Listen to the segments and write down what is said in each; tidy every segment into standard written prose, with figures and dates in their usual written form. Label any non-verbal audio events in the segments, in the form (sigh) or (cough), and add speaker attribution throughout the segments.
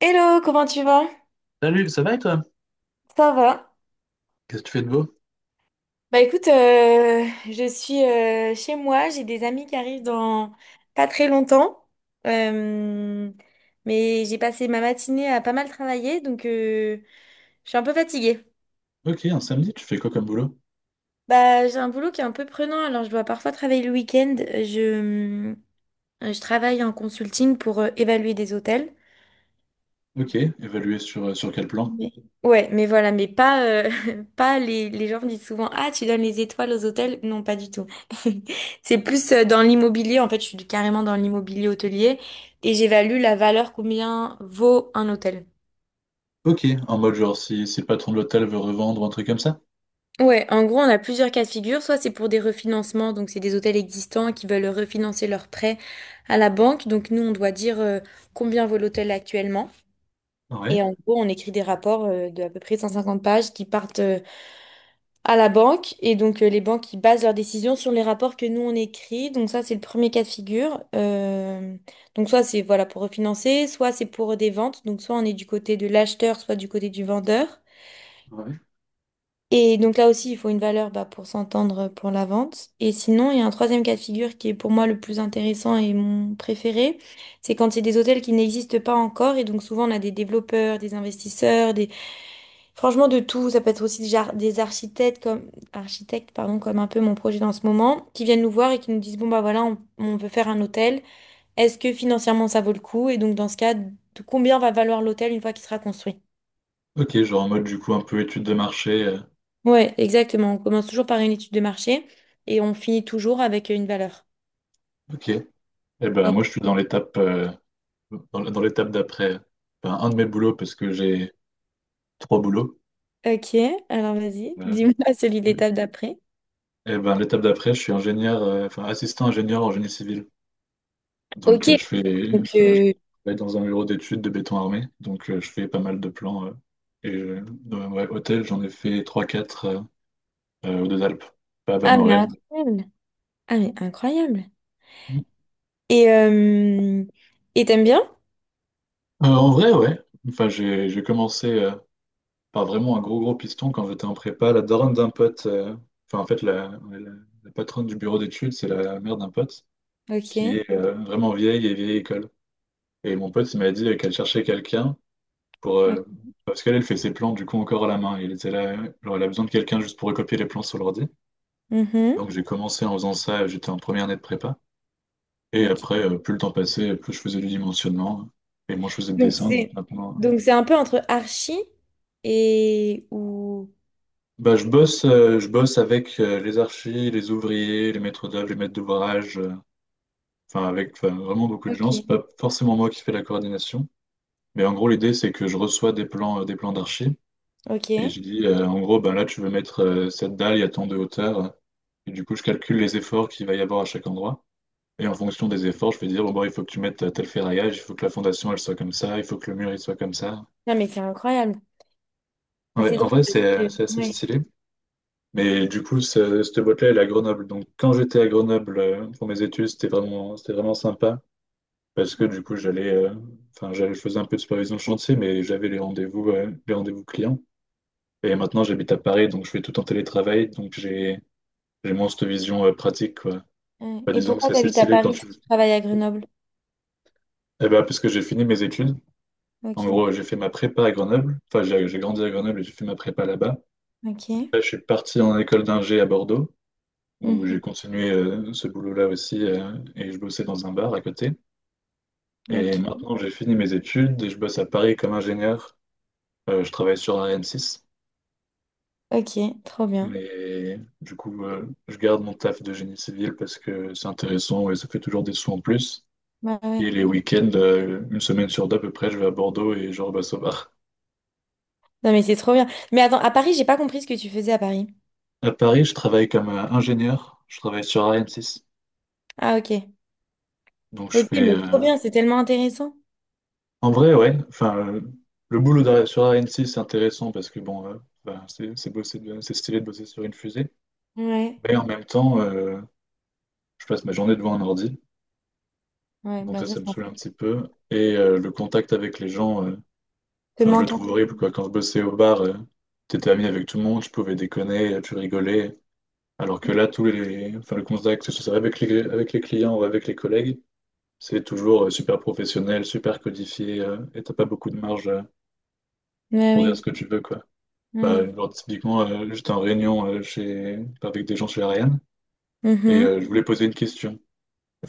Speaker 1: Hello, comment tu vas?
Speaker 2: Salut, ça va et toi?
Speaker 1: Ça va?
Speaker 2: Qu'est-ce que tu fais de beau?
Speaker 1: Bah écoute, je suis chez moi, j'ai des amis qui arrivent dans pas très longtemps. Euh, mais j'ai passé ma matinée à pas mal travailler, donc je suis un peu fatiguée.
Speaker 2: Ok, un samedi, tu fais quoi comme boulot?
Speaker 1: Bah j'ai un boulot qui est un peu prenant, alors je dois parfois travailler le week-end. Je travaille en consulting pour évaluer des hôtels.
Speaker 2: Ok, évalué sur, sur quel plan?
Speaker 1: Mais- Ouais, mais voilà, mais pas, (laughs) pas les, les gens me disent souvent, ah, tu donnes les étoiles aux hôtels. Non, pas du tout. (laughs) C'est plus dans l'immobilier. En fait, je suis carrément dans l'immobilier hôtelier et j'évalue la valeur combien vaut un hôtel.
Speaker 2: Ok, en mode genre si le patron de l'hôtel veut revendre ou un truc comme ça?
Speaker 1: Ouais, en gros, on a plusieurs cas de figure. Soit c'est pour des refinancements, donc c'est des hôtels existants qui veulent refinancer leurs prêts à la banque. Donc nous, on doit dire combien vaut l'hôtel actuellement.
Speaker 2: Ouais,
Speaker 1: Et en gros, on écrit des rapports de à peu près 150 pages qui partent à la banque. Et donc, les banques, ils basent leurs décisions sur les rapports que nous, on écrit. Donc, ça, c'est le premier cas de figure. Donc, soit c'est voilà, pour refinancer, soit c'est pour des ventes. Donc, soit on est du côté de l'acheteur, soit du côté du vendeur.
Speaker 2: ouais.
Speaker 1: Et donc, là aussi, il faut une valeur bah, pour s'entendre pour la vente. Et sinon, il y a un troisième cas de figure qui est pour moi le plus intéressant et mon préféré. C'est quand c'est des hôtels qui n'existent pas encore. Et donc, souvent, on a des développeurs, des investisseurs, des franchement, de tout, ça peut être aussi des architectes comme architectes, pardon, comme un peu mon projet dans ce moment, qui viennent nous voir et qui nous disent, bon bah voilà, on veut faire un hôtel. Est-ce que financièrement ça vaut le coup? Et donc dans ce cas, de combien va valoir l'hôtel une fois qu'il sera construit?
Speaker 2: Ok, genre en mode du coup un peu étude de marché.
Speaker 1: Ouais, exactement. On commence toujours par une étude de marché et on finit toujours avec une valeur.
Speaker 2: Ok. Eh ben
Speaker 1: Et-
Speaker 2: moi je suis dans l'étape dans l'étape d'après. Enfin, un de mes boulots parce que j'ai trois boulots.
Speaker 1: Ok, alors vas-y,
Speaker 2: Euh,
Speaker 1: dis-moi (laughs) celui de
Speaker 2: Ouais.
Speaker 1: l'étape d'après.
Speaker 2: Eh ben l'étape d'après, je suis ingénieur, enfin assistant ingénieur en génie civil. Donc,
Speaker 1: Ok, donc
Speaker 2: je travaille dans un bureau d'études de béton armé. Donc, je fais pas mal de plans. Et dans, ouais, hôtel, j'en ai fait trois quatre aux Deux Alpes, à
Speaker 1: ah mais
Speaker 2: Valmorel.
Speaker 1: incroyable. Ah mais incroyable. Et euh, et t'aimes bien?
Speaker 2: En vrai, ouais. Enfin, j'ai commencé par vraiment un gros, gros piston quand j'étais en prépa. La daronne d'un pote, enfin, en fait, ouais, la patronne du bureau d'études, c'est la mère d'un pote qui
Speaker 1: Ok.
Speaker 2: est vraiment vieille et vieille école. Et mon pote, il m'a dit qu'elle cherchait quelqu'un pour,
Speaker 1: Ok.
Speaker 2: parce qu'elle fait ses plans du coup encore à la main. Il était là, genre, elle a besoin de quelqu'un juste pour recopier les plans sur l'ordi.
Speaker 1: Mhm.
Speaker 2: Donc j'ai commencé en faisant ça, j'étais en première année de prépa. Et
Speaker 1: Ok.
Speaker 2: après, plus le temps passait, plus je faisais du dimensionnement. Et moi, je faisais le
Speaker 1: Donc
Speaker 2: dessin. Donc
Speaker 1: c'est
Speaker 2: maintenant,
Speaker 1: donc c'est un peu entre archi et ou
Speaker 2: bah, je bosse avec les archis, les ouvriers, les maîtres d'œuvre, les maîtres d'ouvrage. Enfin, avec, enfin, vraiment beaucoup de gens. C'est
Speaker 1: ok.
Speaker 2: pas forcément moi qui fais la coordination. Mais en gros, l'idée, c'est que je reçois des plans d'archi.
Speaker 1: Ok.
Speaker 2: Et je dis, en gros, ben là, tu veux mettre cette dalle, il y a tant de hauteur. Et du coup, je calcule les efforts qu'il va y avoir à chaque endroit. Et en fonction des efforts, je vais dire, oh, bon, bah, il faut que tu mettes tel ferraillage, il faut que la fondation, elle soit comme ça, il faut que le mur, il soit comme ça.
Speaker 1: Non mais c'est incroyable.
Speaker 2: Ouais,
Speaker 1: C'est
Speaker 2: en
Speaker 1: drôle
Speaker 2: vrai,
Speaker 1: parce que
Speaker 2: c'est assez
Speaker 1: ouais.
Speaker 2: stylé. Mais du coup, cette boîte-là, elle est à Grenoble. Donc, quand j'étais à Grenoble pour mes études, c'était vraiment sympa. Parce que du coup, j'allais, enfin, j'allais, je faisais un peu de supervision de chantier, mais j'avais les rendez-vous clients. Et maintenant, j'habite à Paris, donc je fais tout en télétravail. Donc, j'ai moins cette vision, pratique, quoi.
Speaker 1: Ok.
Speaker 2: Bah,
Speaker 1: Et
Speaker 2: disons que
Speaker 1: pourquoi
Speaker 2: c'est
Speaker 1: tu
Speaker 2: assez
Speaker 1: habites à
Speaker 2: stylé quand
Speaker 1: Paris
Speaker 2: tu,
Speaker 1: si tu travailles à Grenoble?
Speaker 2: eh ben, puisque j'ai fini mes études, en
Speaker 1: Ok.
Speaker 2: gros, j'ai fait ma prépa à Grenoble. Enfin, j'ai grandi à Grenoble et j'ai fait ma prépa là-bas.
Speaker 1: Ok.
Speaker 2: Après, je suis parti en école d'ingé à Bordeaux, où j'ai
Speaker 1: Mhm.
Speaker 2: continué ce boulot-là aussi, et je bossais dans un bar à côté. Et
Speaker 1: Ok.
Speaker 2: maintenant, j'ai fini mes études et je bosse à Paris comme ingénieur. Je travaille sur Ariane 6,
Speaker 1: Ok. Trop bien.
Speaker 2: mais du coup, je garde mon taf de génie civil parce que c'est intéressant et ça fait toujours des sous en plus.
Speaker 1: Bah ouais.
Speaker 2: Et les week-ends, une semaine sur deux à peu près, je vais à Bordeaux et je rebosse au bar.
Speaker 1: Non mais c'est trop bien. Mais attends, à Paris, j'ai pas compris ce que tu faisais à Paris.
Speaker 2: À Paris, je travaille comme ingénieur. Je travaille sur Ariane 6.
Speaker 1: Ah ok.
Speaker 2: Donc, je
Speaker 1: Ok,
Speaker 2: fais.
Speaker 1: mais trop bien, c'est tellement intéressant.
Speaker 2: En vrai, ouais. Enfin, le boulot sur Ariane 6, c'est intéressant parce que, bon, ben, c'est stylé de bosser sur une fusée.
Speaker 1: Ouais.
Speaker 2: Mais en même temps, je passe ma journée devant un ordi.
Speaker 1: Ouais.
Speaker 2: Donc,
Speaker 1: Bah
Speaker 2: ça,
Speaker 1: ça,
Speaker 2: ça me
Speaker 1: ça
Speaker 2: saoule un petit peu. Et le contact avec les gens,
Speaker 1: te
Speaker 2: enfin, je le
Speaker 1: manque un
Speaker 2: trouve horrible, quoi. Quand je bossais au bar, t'étais ami avec tout le monde, tu pouvais déconner, tu rigolais. Alors que
Speaker 1: peu.
Speaker 2: là, enfin, le contact, que ce soit avec les clients ou avec les collègues, c'est toujours super professionnel, super codifié, et t'as pas beaucoup de marge
Speaker 1: Ouais,
Speaker 2: pour dire ce
Speaker 1: oui.
Speaker 2: que tu veux, quoi. Bah,
Speaker 1: Ouais.
Speaker 2: genre, typiquement, j'étais en réunion chez... avec des gens chez Ariane, et je voulais poser une question.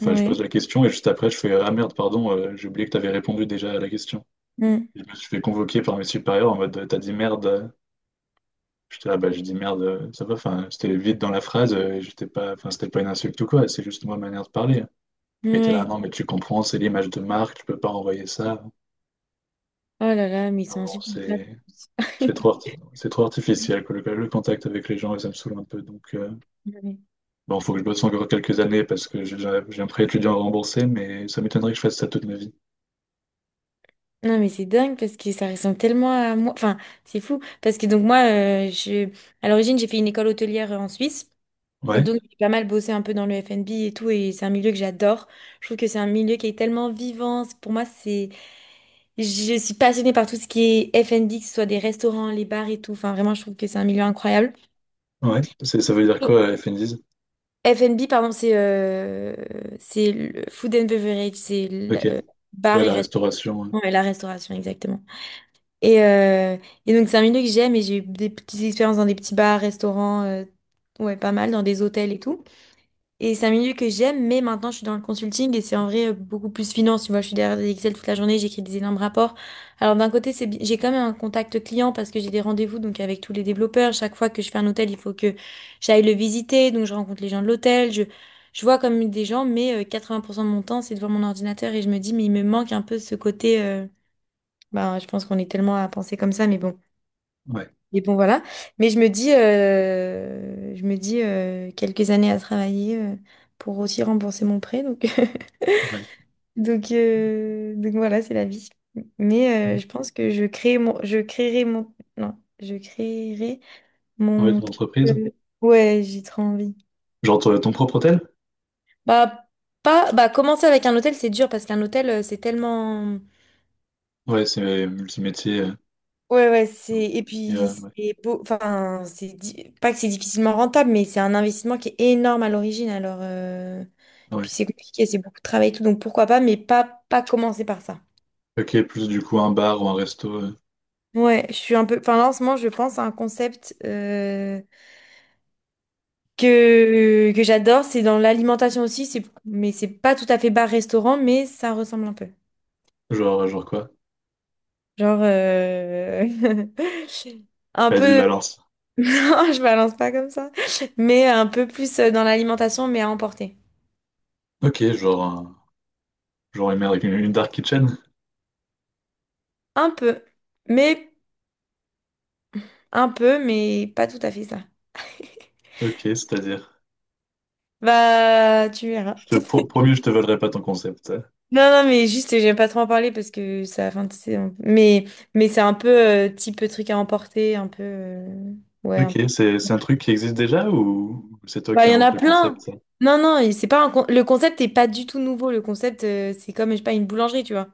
Speaker 1: Mhm.
Speaker 2: je
Speaker 1: Ouais.
Speaker 2: pose la question, et juste après, je fais «Ah merde, pardon, j'ai oublié que t'avais répondu déjà à la question».
Speaker 1: Mm.
Speaker 2: Je me suis fait convoquer par mes supérieurs en mode «T'as dit merde». J'étais là, bah, j'ai dit «Merde, ça va». Enfin, c'était vite dans la phrase, et j'étais pas... Enfin, c'était pas une insulte ou quoi, c'est juste moi, ma manière de parler. Et t'es là
Speaker 1: Ouais.
Speaker 2: «Non, mais tu comprends, c'est l'image de marque, tu peux pas envoyer ça».
Speaker 1: Oh là là, mais ils
Speaker 2: Ah
Speaker 1: sont
Speaker 2: bon,
Speaker 1: insupportables.
Speaker 2: c'est... C'est trop,
Speaker 1: (laughs)
Speaker 2: c'est trop artificiel, que le contact avec les gens, et ça me saoule un peu. Donc,
Speaker 1: Ouais.
Speaker 2: bon, faut que je bosse encore quelques années parce que j'ai un prêt étudiant à rembourser, mais ça m'étonnerait que je fasse ça toute ma vie.
Speaker 1: Non, mais c'est dingue parce que ça ressemble tellement à moi. Enfin, c'est fou. Parce que donc, moi, je... à l'origine, j'ai fait une école hôtelière en Suisse. Et
Speaker 2: Ouais,
Speaker 1: donc, j'ai pas mal bossé un peu dans le F&B et tout. Et c'est un milieu que j'adore. Je trouve que c'est un milieu qui est tellement vivant. Pour moi, c'est. Je suis passionnée par tout ce qui est F&B, que ce soit des restaurants, les bars et tout. Enfin, vraiment, je trouve que c'est un milieu incroyable.
Speaker 2: ouais. Ça veut dire quoi, FNDIS?
Speaker 1: F&B, pardon, c'est le food and beverage, c'est le
Speaker 2: Ok.
Speaker 1: bar
Speaker 2: Ouais,
Speaker 1: et
Speaker 2: la
Speaker 1: restaurant.
Speaker 2: restauration.
Speaker 1: Ouais, la restauration, exactement. Et, euh, et donc, c'est un milieu que j'aime et j'ai eu des petites expériences dans des petits bars, restaurants, ouais, pas mal, dans des hôtels et tout. Et c'est un milieu que j'aime, mais maintenant je suis dans le consulting et c'est en vrai beaucoup plus finance. Tu vois, je suis derrière des Excel toute la journée, j'écris des énormes rapports. Alors d'un côté, j'ai quand même un contact client parce que j'ai des rendez-vous donc avec tous les développeurs. Chaque fois que je fais un hôtel, il faut que j'aille le visiter, donc je rencontre les gens de l'hôtel, je vois comme des gens, mais 80% de mon temps c'est devant mon ordinateur et je me dis mais il me manque un peu ce côté. Ben, je pense qu'on est tellement à penser comme ça, mais bon.
Speaker 2: Ouais,
Speaker 1: Mais bon, voilà. Mais je me dis quelques années à travailler pour aussi rembourser mon prêt. Donc, (laughs)
Speaker 2: ouais.
Speaker 1: donc voilà, c'est la vie. Mais je pense que je créerai mon, non, je créerai
Speaker 2: Ouais,
Speaker 1: mon.
Speaker 2: ton entreprise.
Speaker 1: Euh, ouais, j'ai trop envie.
Speaker 2: Genre ton propre hôtel?
Speaker 1: Bah, pas, bah, commencer avec un hôtel, c'est dur parce qu'un hôtel, c'est tellement.
Speaker 2: Ouais, c'est multimétier.
Speaker 1: Et
Speaker 2: Et,
Speaker 1: puis,
Speaker 2: euh, ouais.
Speaker 1: c'est beau, enfin, c'est, di- pas que c'est difficilement rentable, mais c'est un investissement qui est énorme à l'origine, alors,
Speaker 2: Ouais.
Speaker 1: puis c'est compliqué, c'est beaucoup de travail et tout, donc pourquoi pas, pas commencer par ça.
Speaker 2: Ok, plus du coup un bar ou un resto.
Speaker 1: Ouais, je suis un peu, enfin, là, en ce moment, je pense à un concept, que j'adore, c'est dans l'alimentation aussi, mais c'est pas tout à fait bar-restaurant, mais ça ressemble un peu.
Speaker 2: Genre, genre quoi?
Speaker 1: Genre, (laughs) un
Speaker 2: Vas-y,
Speaker 1: peu
Speaker 2: balance.
Speaker 1: (laughs) non, je balance pas comme ça. Mais un peu plus dans l'alimentation, mais à emporter.
Speaker 2: Ok, genre, genre une dark kitchen.
Speaker 1: Un peu. Mais un peu, mais pas tout à fait ça.
Speaker 2: Ok, c'est-à-dire.
Speaker 1: Bah, tu verras.
Speaker 2: Je te,
Speaker 1: (laughs)
Speaker 2: promis, je te volerai pas ton concept.
Speaker 1: Non, non, mais juste, j'aime pas trop en parler parce que ça, enfin, tu sais, mais c'est un peu type truc à emporter, un peu, ouais,
Speaker 2: Ok,
Speaker 1: un peu.
Speaker 2: c'est un truc qui existe déjà ou c'est toi
Speaker 1: Bah,
Speaker 2: qui
Speaker 1: il y en
Speaker 2: inventes
Speaker 1: a
Speaker 2: le concept,
Speaker 1: plein.
Speaker 2: ça?
Speaker 1: Non, non, et c'est pas un con- le concept est pas du tout nouveau. Le concept, c'est comme, je sais pas, une boulangerie, tu vois.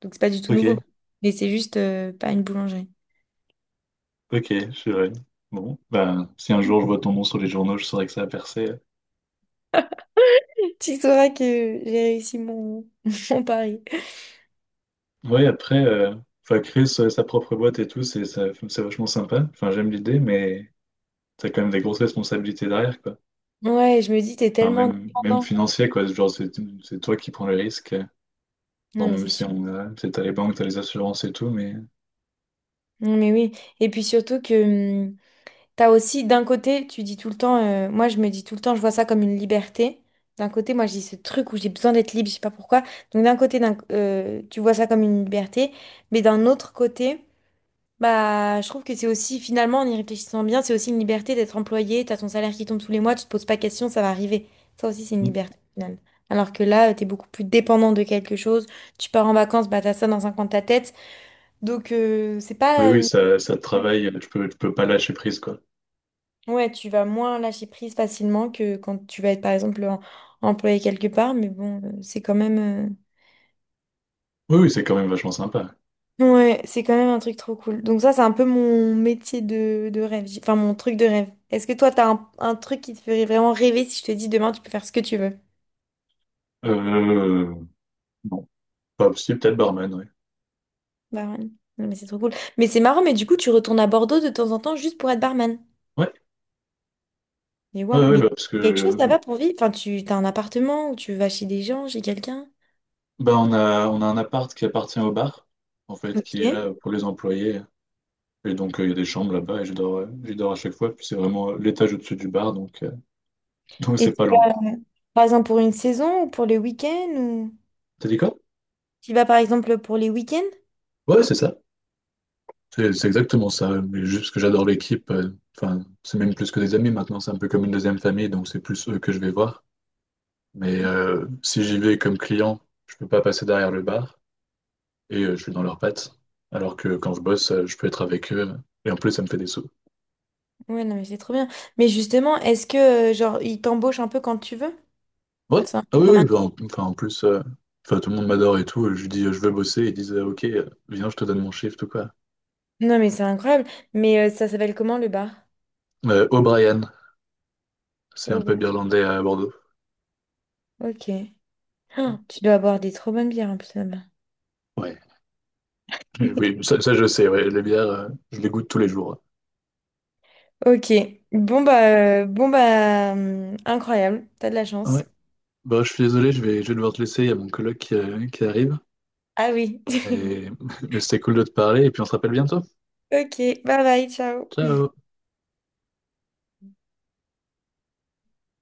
Speaker 1: Donc c'est pas du tout
Speaker 2: Ok,
Speaker 1: nouveau. Mais c'est juste pas une boulangerie.
Speaker 2: ok, je suis vrai. Bon, ben, si un jour je vois ton nom sur les journaux, je saurais que ça a percé.
Speaker 1: Tu sauras que j'ai réussi mon, (laughs) mon pari.
Speaker 2: Oui, après, enfin, créer sa propre boîte et tout, c'est vachement sympa. Enfin, j'aime l'idée, mais t'as quand même des grosses responsabilités derrière, quoi.
Speaker 1: Ouais, je me dis, t'es
Speaker 2: Enfin,
Speaker 1: tellement
Speaker 2: même, même
Speaker 1: dépendant.
Speaker 2: financier, quoi. Genre, c'est toi qui prends le risque.
Speaker 1: Non,
Speaker 2: Bon,
Speaker 1: mais
Speaker 2: même
Speaker 1: c'est
Speaker 2: si
Speaker 1: sûr.
Speaker 2: on a, c'est t'as les banques, t'as les assurances et tout, mais
Speaker 1: Non, mais oui. Et puis surtout que t'as aussi, d'un côté, tu dis tout le temps, moi je me dis tout le temps, je vois ça comme une liberté. D'un côté, moi je dis ce truc où j'ai besoin d'être libre, je sais pas pourquoi. Donc d'un côté, tu vois ça comme une liberté. Mais d'un autre côté, bah, je trouve que c'est aussi, finalement, en y réfléchissant bien, c'est aussi une liberté d'être employé, t'as ton salaire qui tombe tous les mois, tu te poses pas question, ça va arriver. Ça aussi, c'est une
Speaker 2: Mm.
Speaker 1: liberté, au final. Alors que là, t'es beaucoup plus dépendant de quelque chose, tu pars en vacances, bah t'as ça dans un coin de ta tête. Donc, c'est
Speaker 2: Oui,
Speaker 1: pas
Speaker 2: oui,
Speaker 1: une...
Speaker 2: ça te travaille, tu peux pas lâcher prise, quoi.
Speaker 1: Ouais, tu vas moins lâcher prise facilement que quand tu vas être, par exemple, employé quelque part, mais bon, c'est quand même...
Speaker 2: Oui, oui, c'est quand même vachement sympa.
Speaker 1: Ouais, c'est quand même un truc trop cool. Donc ça, c'est un peu mon métier de rêve, enfin mon truc de rêve. Est-ce que toi, un truc qui te ferait vraiment rêver si je te dis demain, tu peux faire ce que tu veux?
Speaker 2: Euh, non, pas si, peut-être barman, oui.
Speaker 1: Barman. Non, mais c'est trop cool. Mais c'est marrant, mais du coup, tu retournes à Bordeaux de temps en temps juste pour être barman.
Speaker 2: Ouais,
Speaker 1: Mais
Speaker 2: ouais,
Speaker 1: ouais,
Speaker 2: ouais, ouais,
Speaker 1: mais
Speaker 2: bah, parce que
Speaker 1: quelque chose là-bas pour vivre. Enfin, tu t'as un appartement où tu vas chez des gens, chez quelqu'un.
Speaker 2: bah, on a un appart qui appartient au bar, en fait,
Speaker 1: Ok.
Speaker 2: qui est là pour les employés. Et donc, il y a des chambres là-bas et je dors, j'y dors à chaque fois. Puis c'est vraiment l'étage au-dessus du bar, donc
Speaker 1: Et
Speaker 2: c'est
Speaker 1: tu
Speaker 2: pas loin.
Speaker 1: vas, par exemple, pour une saison ou pour les week-ends ou...
Speaker 2: T'as dit quoi?
Speaker 1: Tu vas, par exemple, pour les week-ends?
Speaker 2: Ouais, c'est ça. C'est exactement ça. Mais juste parce que j'adore l'équipe, enfin, c'est même plus que des amis maintenant, c'est un peu comme une deuxième famille, donc c'est plus eux que je vais voir. Mais si j'y vais comme client, je peux pas passer derrière le bar. Et je suis dans leurs pattes. Alors que quand je bosse, je peux être avec eux et en plus, ça me fait des sous.
Speaker 1: Ouais, non, mais c'est trop bien. Mais justement, est-ce que, genre, ils t'embauchent un peu quand tu veux?
Speaker 2: Ouais,
Speaker 1: C'est un
Speaker 2: ah
Speaker 1: peu
Speaker 2: oui,
Speaker 1: comme
Speaker 2: oui,
Speaker 1: un-
Speaker 2: bah, enfin, en plus, enfin, tout le monde m'adore et tout. Je lui dis, je veux bosser. Ils disent, ok, viens, je te donne mon shift ou quoi.
Speaker 1: Non, mais c'est incroyable. Mais ça s'appelle comment le bar?
Speaker 2: O'Brien, c'est un
Speaker 1: Oh, bon,
Speaker 2: pub irlandais à Bordeaux.
Speaker 1: ok. Ah, tu dois boire des trop bonnes bières en plus là-bas.
Speaker 2: Ouais, (laughs) oui,
Speaker 1: (laughs)
Speaker 2: ça, je sais, ouais, les bières, je les goûte tous les jours.
Speaker 1: Ok. Bon, bah, incroyable. T'as de la
Speaker 2: Ouais,
Speaker 1: chance.
Speaker 2: bah, je suis désolé, je vais devoir te laisser. Il y a mon coloc qui arrive.
Speaker 1: Ah oui.
Speaker 2: Mais,
Speaker 1: (laughs)
Speaker 2: (laughs) mais c'était cool de te parler et puis on se rappelle bientôt.
Speaker 1: Ok. Bye bye. Ciao.
Speaker 2: Ciao!